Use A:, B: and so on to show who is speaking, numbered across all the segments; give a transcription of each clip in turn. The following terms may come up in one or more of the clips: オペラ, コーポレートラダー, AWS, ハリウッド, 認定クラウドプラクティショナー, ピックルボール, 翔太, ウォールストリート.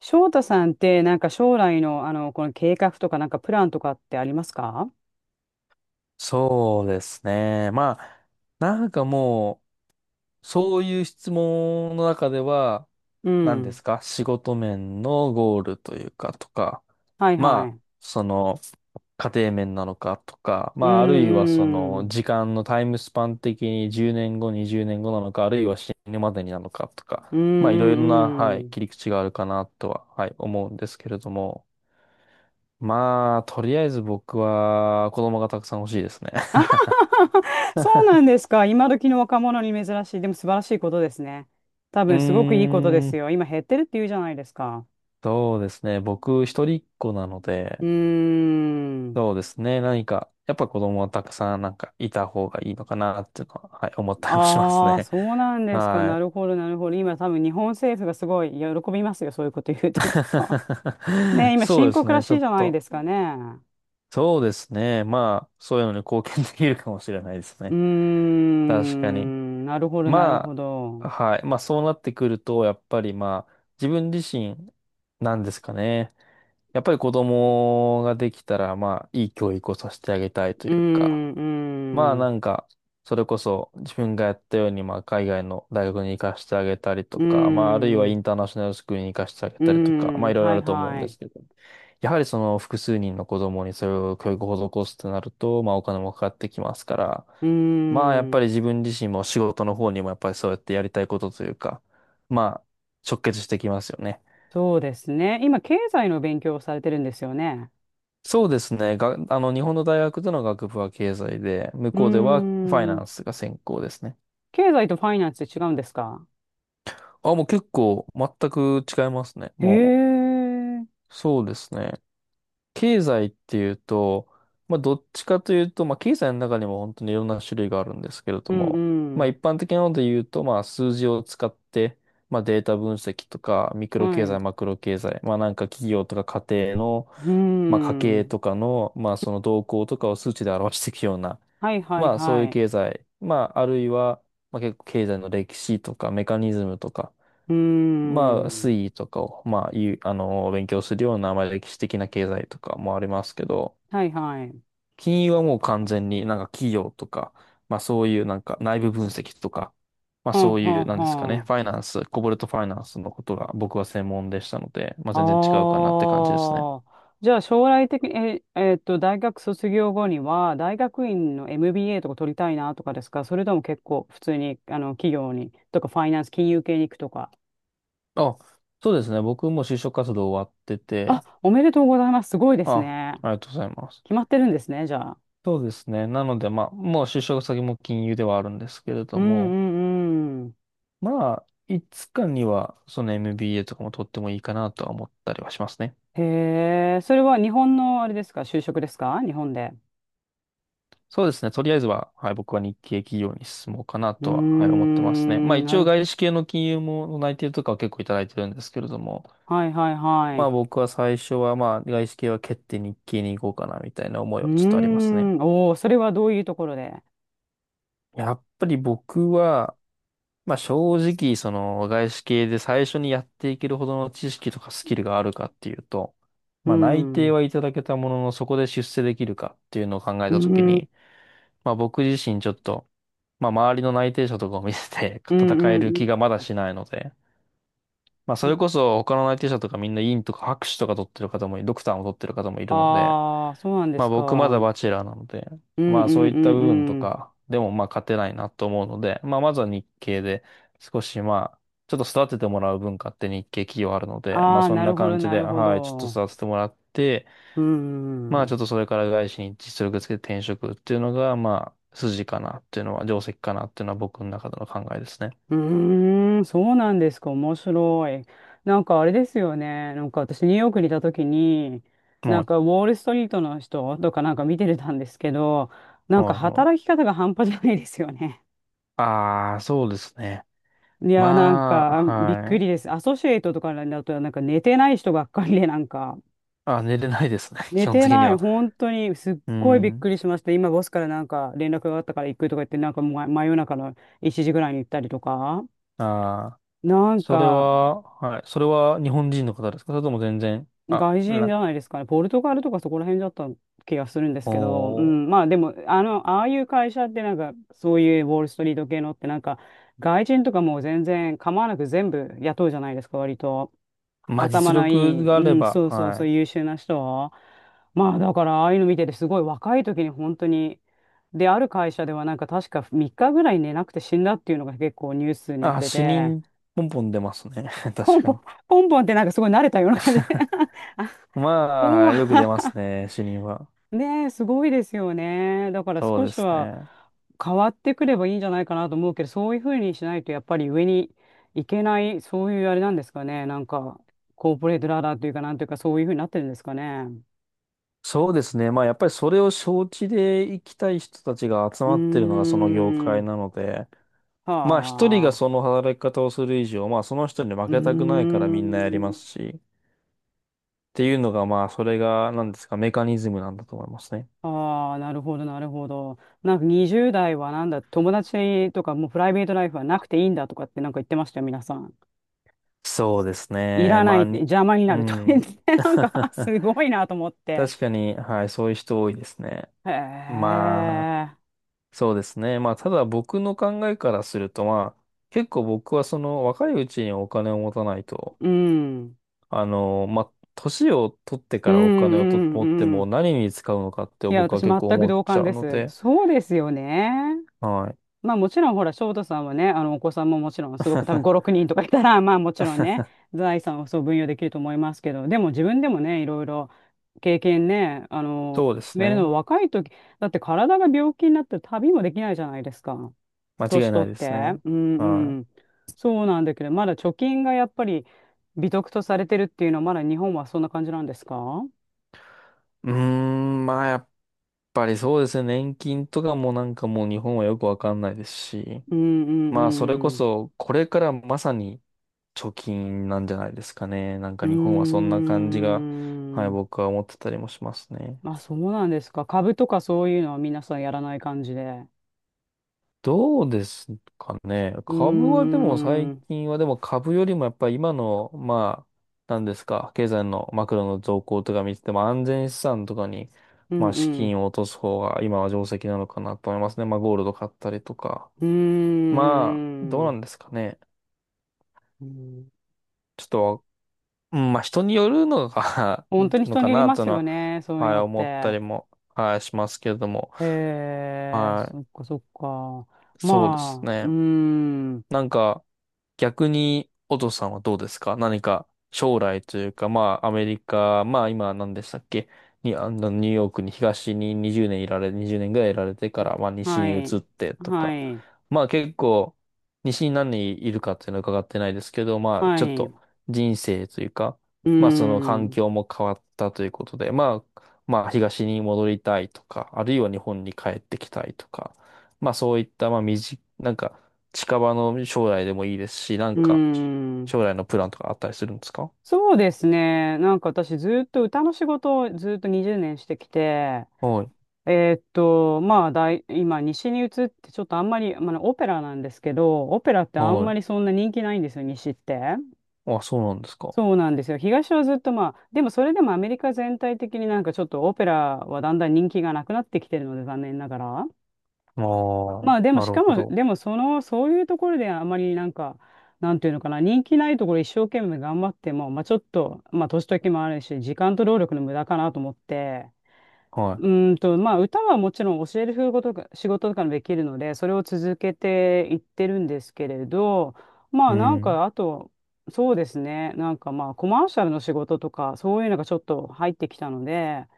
A: 翔太さんって、なんか将来の、あの、この計画とか、なんかプランとかってありますか？
B: そうですね。まあ、なんかもう、そういう質問の中では、
A: う
B: 何で
A: ん。
B: すか、仕事面のゴールというか、とか、
A: はい
B: ま
A: は
B: あ、
A: い。
B: その、家庭面なのかとか、
A: う
B: まあ、あるいは
A: んうん。
B: 時間のタイムスパン的に10年後、20年後なのか、あるいは死ぬまでになのかとか、
A: うん
B: まあ、いろい
A: う
B: ろな、は
A: ん
B: い、
A: うん。
B: 切り口があるかなとは、はい、思うんですけれども、まあ、とりあえず僕は、子供がたくさん欲しいですね。
A: あは ははは そうなんですか。今時の若者に珍しい。でも素晴らしいことですね。多
B: う
A: 分すごくいいことで
B: ー
A: す
B: ん、
A: よ。今減ってるって言うじゃないですか。
B: そうですね。僕、一人っ子なの
A: う
B: で、
A: ーん。
B: そうですね。何か、やっぱ子供はたくさんなんかいた方がいいのかなっていうのは、はい、思ったりもします
A: ああ、
B: ね。
A: そうなん ですか。な
B: はい。
A: るほど、なるほど。今多分日本政府がすごい喜びますよ。そういうこと言うときっと。ねえ、今
B: そう
A: 深
B: です
A: 刻ら
B: ね。
A: し
B: ちょ
A: いじ
B: っ
A: ゃない
B: と。
A: ですかね。
B: そうですね。まあ、そういうのに貢献できるかもしれないです
A: うー
B: ね。確かに。
A: ん、なるほど、なる
B: ま
A: ほど。
B: あ、はい。まあ、そうなってくると、やっぱりまあ、自分自身なんですかね。やっぱり子供ができたら、まあ、いい教育をさせてあげたいと
A: うー
B: いうか、
A: ん、う
B: まあ
A: ーん、
B: なんか、それこそ自分がやったように、まあ海外の大学に行かせてあげたり
A: う
B: と
A: ー
B: か、まああるいはイ
A: ん、
B: ンターナショナルスクールに行かせてあげ
A: うー
B: たりとか、まあ
A: ん、
B: いろいろあ
A: はい
B: ると思うん
A: はい。
B: で
A: う
B: すけど、やはりその複数人の子供にそれを教育を施すとなると、まあお金もかかってきますから、
A: ー
B: まあやっぱり
A: ん、
B: 自分自身も仕事の方にもやっぱりそうやってやりたいことというか、まあ直結してきますよね。
A: そうですね。今、経済の勉強をされてるんですよね。
B: そうですね。が、あの、日本の大学での学部は経済で、向
A: うー
B: こうではファイ
A: ん、
B: ナンスが専攻ですね。
A: 経済とファイナンスって違うんですか？
B: あ、もう結構全く違いますね。
A: へ
B: も
A: え、
B: う、そうですね。経済っていうと、まあ、どっちかというと、まあ、経済の中にも本当にいろんな種類があるんですけれど
A: うん
B: も、
A: う
B: まあ、
A: ん、
B: 一般的なので言うと、まあ、数字を使って、まあ、データ分析とか、ミクロ
A: は
B: 経
A: い、
B: 済、
A: う
B: マクロ経済、まあ、なんか企業とか家庭の、
A: ー
B: まあ、家計
A: ん、
B: とかの、まあ、その動向とかを数値で表していくような、
A: はいはい
B: まあそうい
A: は
B: う
A: い。
B: 経済、まああるいは、まあ結構経済の歴史とかメカニズムとか、
A: うー
B: まあ
A: ん、
B: 推移とかを、まあいう、勉強するような、まあ歴史的な経済とかもありますけど、
A: はいはい。
B: 金融はもう完全になんか企業とか、まあそういうなんか内部分析とか、まあ
A: はあ
B: そう
A: は
B: い
A: あ
B: う、なんですかね、
A: は
B: ファ
A: あ。
B: イナンス、コボルトファイナンスのことが僕は専門でしたので、まあ全然違うかなって感じですね。
A: ああ、じゃあ将来的に、大学卒業後には、大学院の MBA とか取りたいなとかですか？それとも結構普通に、あの、企業に、とかファイナンス、金融系に行くとか。
B: あ、そうですね。僕も就職活動終わってて、
A: あ、おめでとうございます。すごいで
B: あ、
A: すね。
B: ありがとうございます。
A: 決まってるんですね、じゃあ。
B: そうですね。なので、まあ、もう就職先も金融ではあるんですけれ
A: う
B: ど
A: んう
B: も、
A: んうん。
B: まあ、いつかには、その MBA とかも取ってもいいかなとは思ったりはしますね。
A: へえ、それは日本のあれですか？就職ですか？日本で。
B: そうですね。とりあえずは、はい、僕は日系企業に進もうかな
A: うー
B: とは、はい、思ってますね。まあ、
A: ん、
B: 一
A: な
B: 応
A: る。
B: 外資系の金融も内定とかは結構いただいてるんですけれども、
A: はいはいはい。
B: ま
A: う
B: あ、僕は最初は、まあ、外資系は蹴って日系に行こうかな、みたいな思い
A: ー
B: はちょっとありますね。
A: ん、おお、それはどういうところで。
B: やっぱり僕は、まあ正直、その外資系で最初にやっていけるほどの知識とかスキルがあるかっていうと、
A: う
B: まあ内定
A: ん。
B: はいただけたもののそこで出世できるかっていうのを考え
A: う
B: たとき
A: ん、うん、
B: に、まあ僕自身ちょっと、まあ周りの内定者とかを見せて
A: う
B: 戦える気
A: ん、
B: がまだしないので、まあ
A: う
B: そ
A: ん。
B: れこそ他の内定者とかみんな院とか博士とか取ってる方も、ドクターも取ってる方もいるので、
A: ああ、そうなんで
B: まあ
A: す
B: 僕ま
A: か。う
B: だバ
A: ん、
B: チェラーなので、
A: うん、う
B: まあそういっ
A: ん、
B: た
A: う
B: 部分と
A: ん。
B: かでもまあ勝てないなと思うので、まあまずは日系で少しまあちょっと育ててもらう文化って日系企業あるので、まあ
A: ああ、
B: そ
A: な
B: んな
A: るほど、
B: 感じ
A: な
B: で、
A: るほ
B: はい、ちょっと
A: ど。
B: 育ててもらって、
A: うん、う
B: まあち
A: ん、
B: ょっとそれから外資に実力つけて転職っていうのがまあ筋かなっていうのは、定石かなっていうのは僕の中での考えですね。
A: ーん、そうなんですか。面白い。なんかあれですよね。なんか私、ニューヨークにいた時に、なん
B: も
A: かウォールストリートの人とかなんか見てたんですけど、な
B: う、
A: んか
B: もう、もう。
A: 働き方が半端じゃないですよね。
B: ああ、そうですね。
A: いや、なん
B: まあ、
A: かびっ
B: は
A: くり
B: い。
A: です。アソシエイトとかだと、なんか寝てない人ばっかりで、なんか。
B: あ、寝れないですね。基
A: 寝
B: 本
A: て
B: 的に
A: ない。
B: は。
A: 本当に、すっ
B: う
A: ごいびっ
B: ん。
A: くりしました。今、ボスからなんか連絡があったから行くとか言って、なんかま真夜中の1時ぐらいに行ったりとか。
B: ああ。
A: なん
B: それ
A: か、
B: は、はい。それは日本人の方ですか？それとも全然、
A: 外人じゃないですかね。ポルトガルとかそこら辺だった気がするんですけど、う
B: お
A: ん、
B: ー、
A: まあでも、あの、ああいう会社ってなんか、そういうウォールストリート系のってなんか、外人とかもう全然構わなく全部雇うじゃないですか、割と。
B: まあ、
A: 頭
B: 実
A: のいい、
B: 力が
A: う
B: あれ
A: ん、
B: ば、
A: そうそう
B: は
A: そう、
B: い。
A: 優秀な人。まあ、だから、ああいうの見てて、すごい若い時に本当に、で、ある会社では、なんか確か3日ぐらい寝なくて死んだっていうのが結構ニュースになっ
B: あ、
A: て
B: 死
A: て、
B: 人、ポンポン出ますね。
A: ポ
B: 確
A: ン
B: か
A: ポン、
B: に。
A: ポンポンってなんかすごい慣れたような感じで、あ、
B: まあ、
A: 怖い。
B: よく出ますね、死人は。
A: ねえ、すごいですよね。だから
B: そう
A: 少
B: で
A: し
B: す
A: は
B: ね。
A: 変わってくればいいんじゃないかなと思うけど、そういうふうにしないとやっぱり上に行けない、そういうあれなんですかね。なんか、コーポレートラダーというか、なんというか、そういうふうになってるんですかね。
B: そうですね。まあ、やっぱりそれを承知で生きたい人たちが集
A: う
B: まってるのがその業
A: ー
B: 界
A: ん。
B: なので、
A: は
B: まあ、一人がその
A: あ。
B: 働き方をする以上、まあ、その人に負
A: うー
B: けたくないからみんなやりま
A: ん。
B: すし、っていうのが、まあ、それが、なんですか、メカニズムなんだと思いますね。
A: ああ、なるほど、なるほど。なんか20代はなんだ、友達とかもうプライベートライフはなくていいんだとかってなんか言ってましたよ、皆さん。
B: そうです
A: い
B: ね。
A: らな
B: ま
A: い
B: あ、
A: って、
B: に、
A: 邪魔にな
B: う
A: るとか言っ
B: ん。
A: て、なんか、あ すごいなと思って。
B: 確かに、はい、そういう人多いですね。
A: へ
B: まあ、
A: え、
B: そうですね。まあ、ただ僕の考えからすると、まあ、結構僕はその若いうちにお金を持たないと、
A: うん、
B: まあ、年を取って
A: う
B: か
A: ん、
B: らお金をと
A: う
B: 持って
A: ん、うん。
B: も何に使うのかって
A: いや、
B: 僕は
A: 私、
B: 結
A: 全
B: 構
A: く
B: 思っ
A: 同
B: ち
A: 感
B: ゃう
A: で
B: の
A: す。
B: で、
A: そうですよね。
B: はい。
A: まあ、もちろん、ほら、翔太さんはね、あの、お子さんももちろん、すごく多分5、6 人とかいたら、まあ、もちろんね、財産をそう分与できると思いますけど、でも自分でもね、いろいろ経験ね、あの、
B: そうで
A: 積
B: す
A: めるの
B: ね。
A: 若い時、だって体が病気になって旅もできないじゃないですか。
B: 間違
A: 年
B: いな
A: 取
B: い
A: っ
B: です
A: て。
B: ね。
A: うん
B: は
A: うん。
B: い。
A: そうなんだけど、まだ貯金がやっぱり美徳とされてるっていうのは、まだ日本はそんな感じなんですか？
B: うーん、まあやっぱりそうですね。年金とかもなんかもう日本はよくわかんないですし。
A: うん
B: まあそれこ
A: うん
B: そこれからまさに貯金なんじゃないですかね。なん
A: う
B: か
A: ん。
B: 日本はそん
A: うー
B: な感じが、はい、
A: ん。
B: 僕は思ってたりもしますね。
A: まあそうなんですか。株とかそういうのは皆さんやらない感じで。
B: どうですかね。
A: うー
B: 株はでも
A: ん。
B: 最
A: うん
B: 近はでも株よりもやっぱり今の、まあ、なんですか、経済のマクロの動向とか見てても安全資産とかに、
A: う
B: まあ資
A: ん。
B: 金を落とす方が今は定石なのかなと思いますね。まあゴールド買ったりとか。
A: うー
B: まあ、どうな
A: ん。
B: んですかね。
A: うん
B: ちょっと、うんまあ人によるのが
A: 本当 に
B: の
A: 人
B: か
A: により
B: な
A: ま
B: という
A: す
B: の
A: よ
B: は、
A: ね。そういう
B: はい、
A: のっ
B: 思った
A: て。
B: りも、はい、しますけれども。
A: へえ、
B: はい、
A: そっかそっか。
B: そうです
A: まあ、うー
B: ね。
A: ん。
B: なんか、逆に、お父さんはどうですか？何か、将来というか、まあ、アメリカ、まあ、今、何でしたっけ、に、ニューヨークに東に20年いられ、20年ぐらいいられてから、まあ、西
A: は
B: に
A: い。
B: 移ってと
A: は
B: か、
A: い。
B: まあ、結構、西に何人いるかっていうのは伺ってないですけど、まあ、
A: は
B: ちょっ
A: い。
B: と、
A: う
B: 人生というか、
A: ー
B: まあ、その環
A: ん。
B: 境も変わったということで、まあ、東に戻りたいとか、あるいは日本に帰ってきたいとか、まあ、そういった、まあ、身近、なんか、近場の将来でもいいですし、なん
A: うー
B: か、
A: ん。
B: 将来のプランとかあったりするんですか？
A: そうですね。なんか私ずっと歌の仕事をずっと20年してきて、
B: はい。
A: まあ大、今西に移ってちょっとあんまり、まあ、オペラなんですけど、オペラってあん
B: は
A: ま
B: い。
A: りそんな人気ないんですよ、西って。
B: あ、そうなんですか。
A: そうなんですよ。東はずっとまあ、でもそれでもアメリカ全体的になんかちょっとオペラはだんだん人気がなくなってきてるので、残念ながら。
B: あ
A: ま
B: あ、
A: あでも
B: な
A: し
B: る
A: か
B: ほ
A: も、
B: ど。
A: でもその、そういうところであまりなんか、なんていうのかな、人気ないところ一生懸命頑張っても、まあちょっと、まあ年時もあるし、時間と労力の無駄かなと思って、う
B: は
A: ーんと、まあ歌はもちろん教える仕事とか、仕事とかもできるので、それを続けていってるんですけれど、ま
B: い。う
A: あなん
B: ん。
A: か、あと、そうですね、なんかまあコマーシャルの仕事とか、そういうのがちょっと入ってきたので、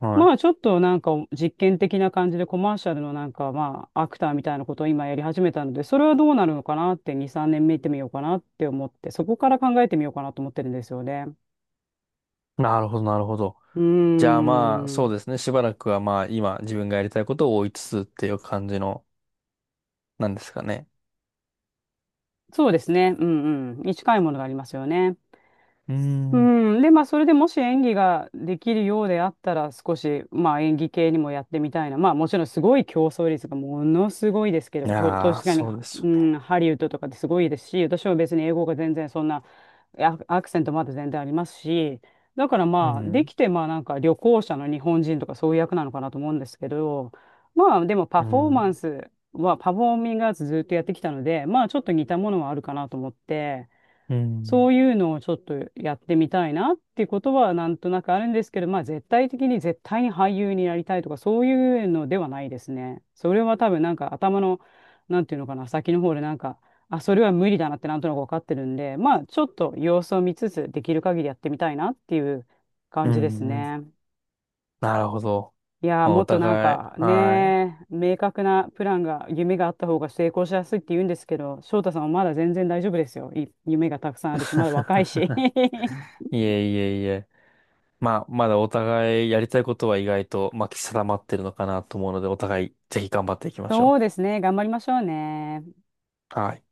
B: は
A: まあちょっとなんか実験的な感じでコマーシャルのなんかまあアクターみたいなことを今やり始めたので、それはどうなるのかなって2、3年見てみようかなって思って、そこから考えてみようかなと思ってるんですよね。
B: い。なるほど、なるほど。
A: う
B: じゃ
A: ー
B: あまあ、
A: ん。
B: そうですね。しばらくはまあ、今、自分がやりたいことを追いつつっていう感じの、なんですかね。
A: そうですね。うんうん。に近いものがありますよね。
B: う
A: う
B: ん。
A: ん。で、まあそれでもし演技ができるようであったら少しまあ演技系にもやってみたいな。まあもちろんすごい競争率がものすごいですけ
B: い
A: ど、と、
B: や
A: 確
B: ー、
A: かに、
B: そうです
A: う
B: よね。
A: ん、ハリウッドとかってすごいですし、私は別に英語が全然そんなアアクセントまだ全然ありますし、だから
B: う
A: まあ、で
B: ん。
A: きてまあなんか旅行者の日本人とかそういう役なのかなと思うんですけど、まあでもパ
B: う
A: フォーマ
B: ん。
A: ンスは、パフォーミングアーツずっとやってきたので、まあちょっと似たものはあるかなと思って、
B: う
A: そ
B: ん。
A: ういうのをちょっとやってみたいなっていうことはなんとなくあるんですけど、まあ絶対的に絶対に俳優になりたいとかそういうのではないですね。それは多分なんか頭の、なんていうのかな、先の方でなんか、あ、それは無理だなってなんとなく分かってるんで、まあちょっと様子を見つつできる限りやってみたいなっていう
B: う
A: 感じです
B: ん。うん
A: ね。
B: なるほど。
A: いやー
B: まあ、
A: も
B: お
A: っとなん
B: 互い、
A: か
B: は
A: ね明確なプランが夢があった方が成功しやすいって言うんですけど翔太さんはまだ全然大丈夫ですよい夢がたくさんあるしまだ若いし
B: い。いえいえいえ。まあ、まだお互いやりたいことは意外と、まあ、定まってるのかなと思うので、お互いぜひ頑張っていきまし
A: そう
B: ょ
A: ですね。頑張りましょうね。
B: う。はい。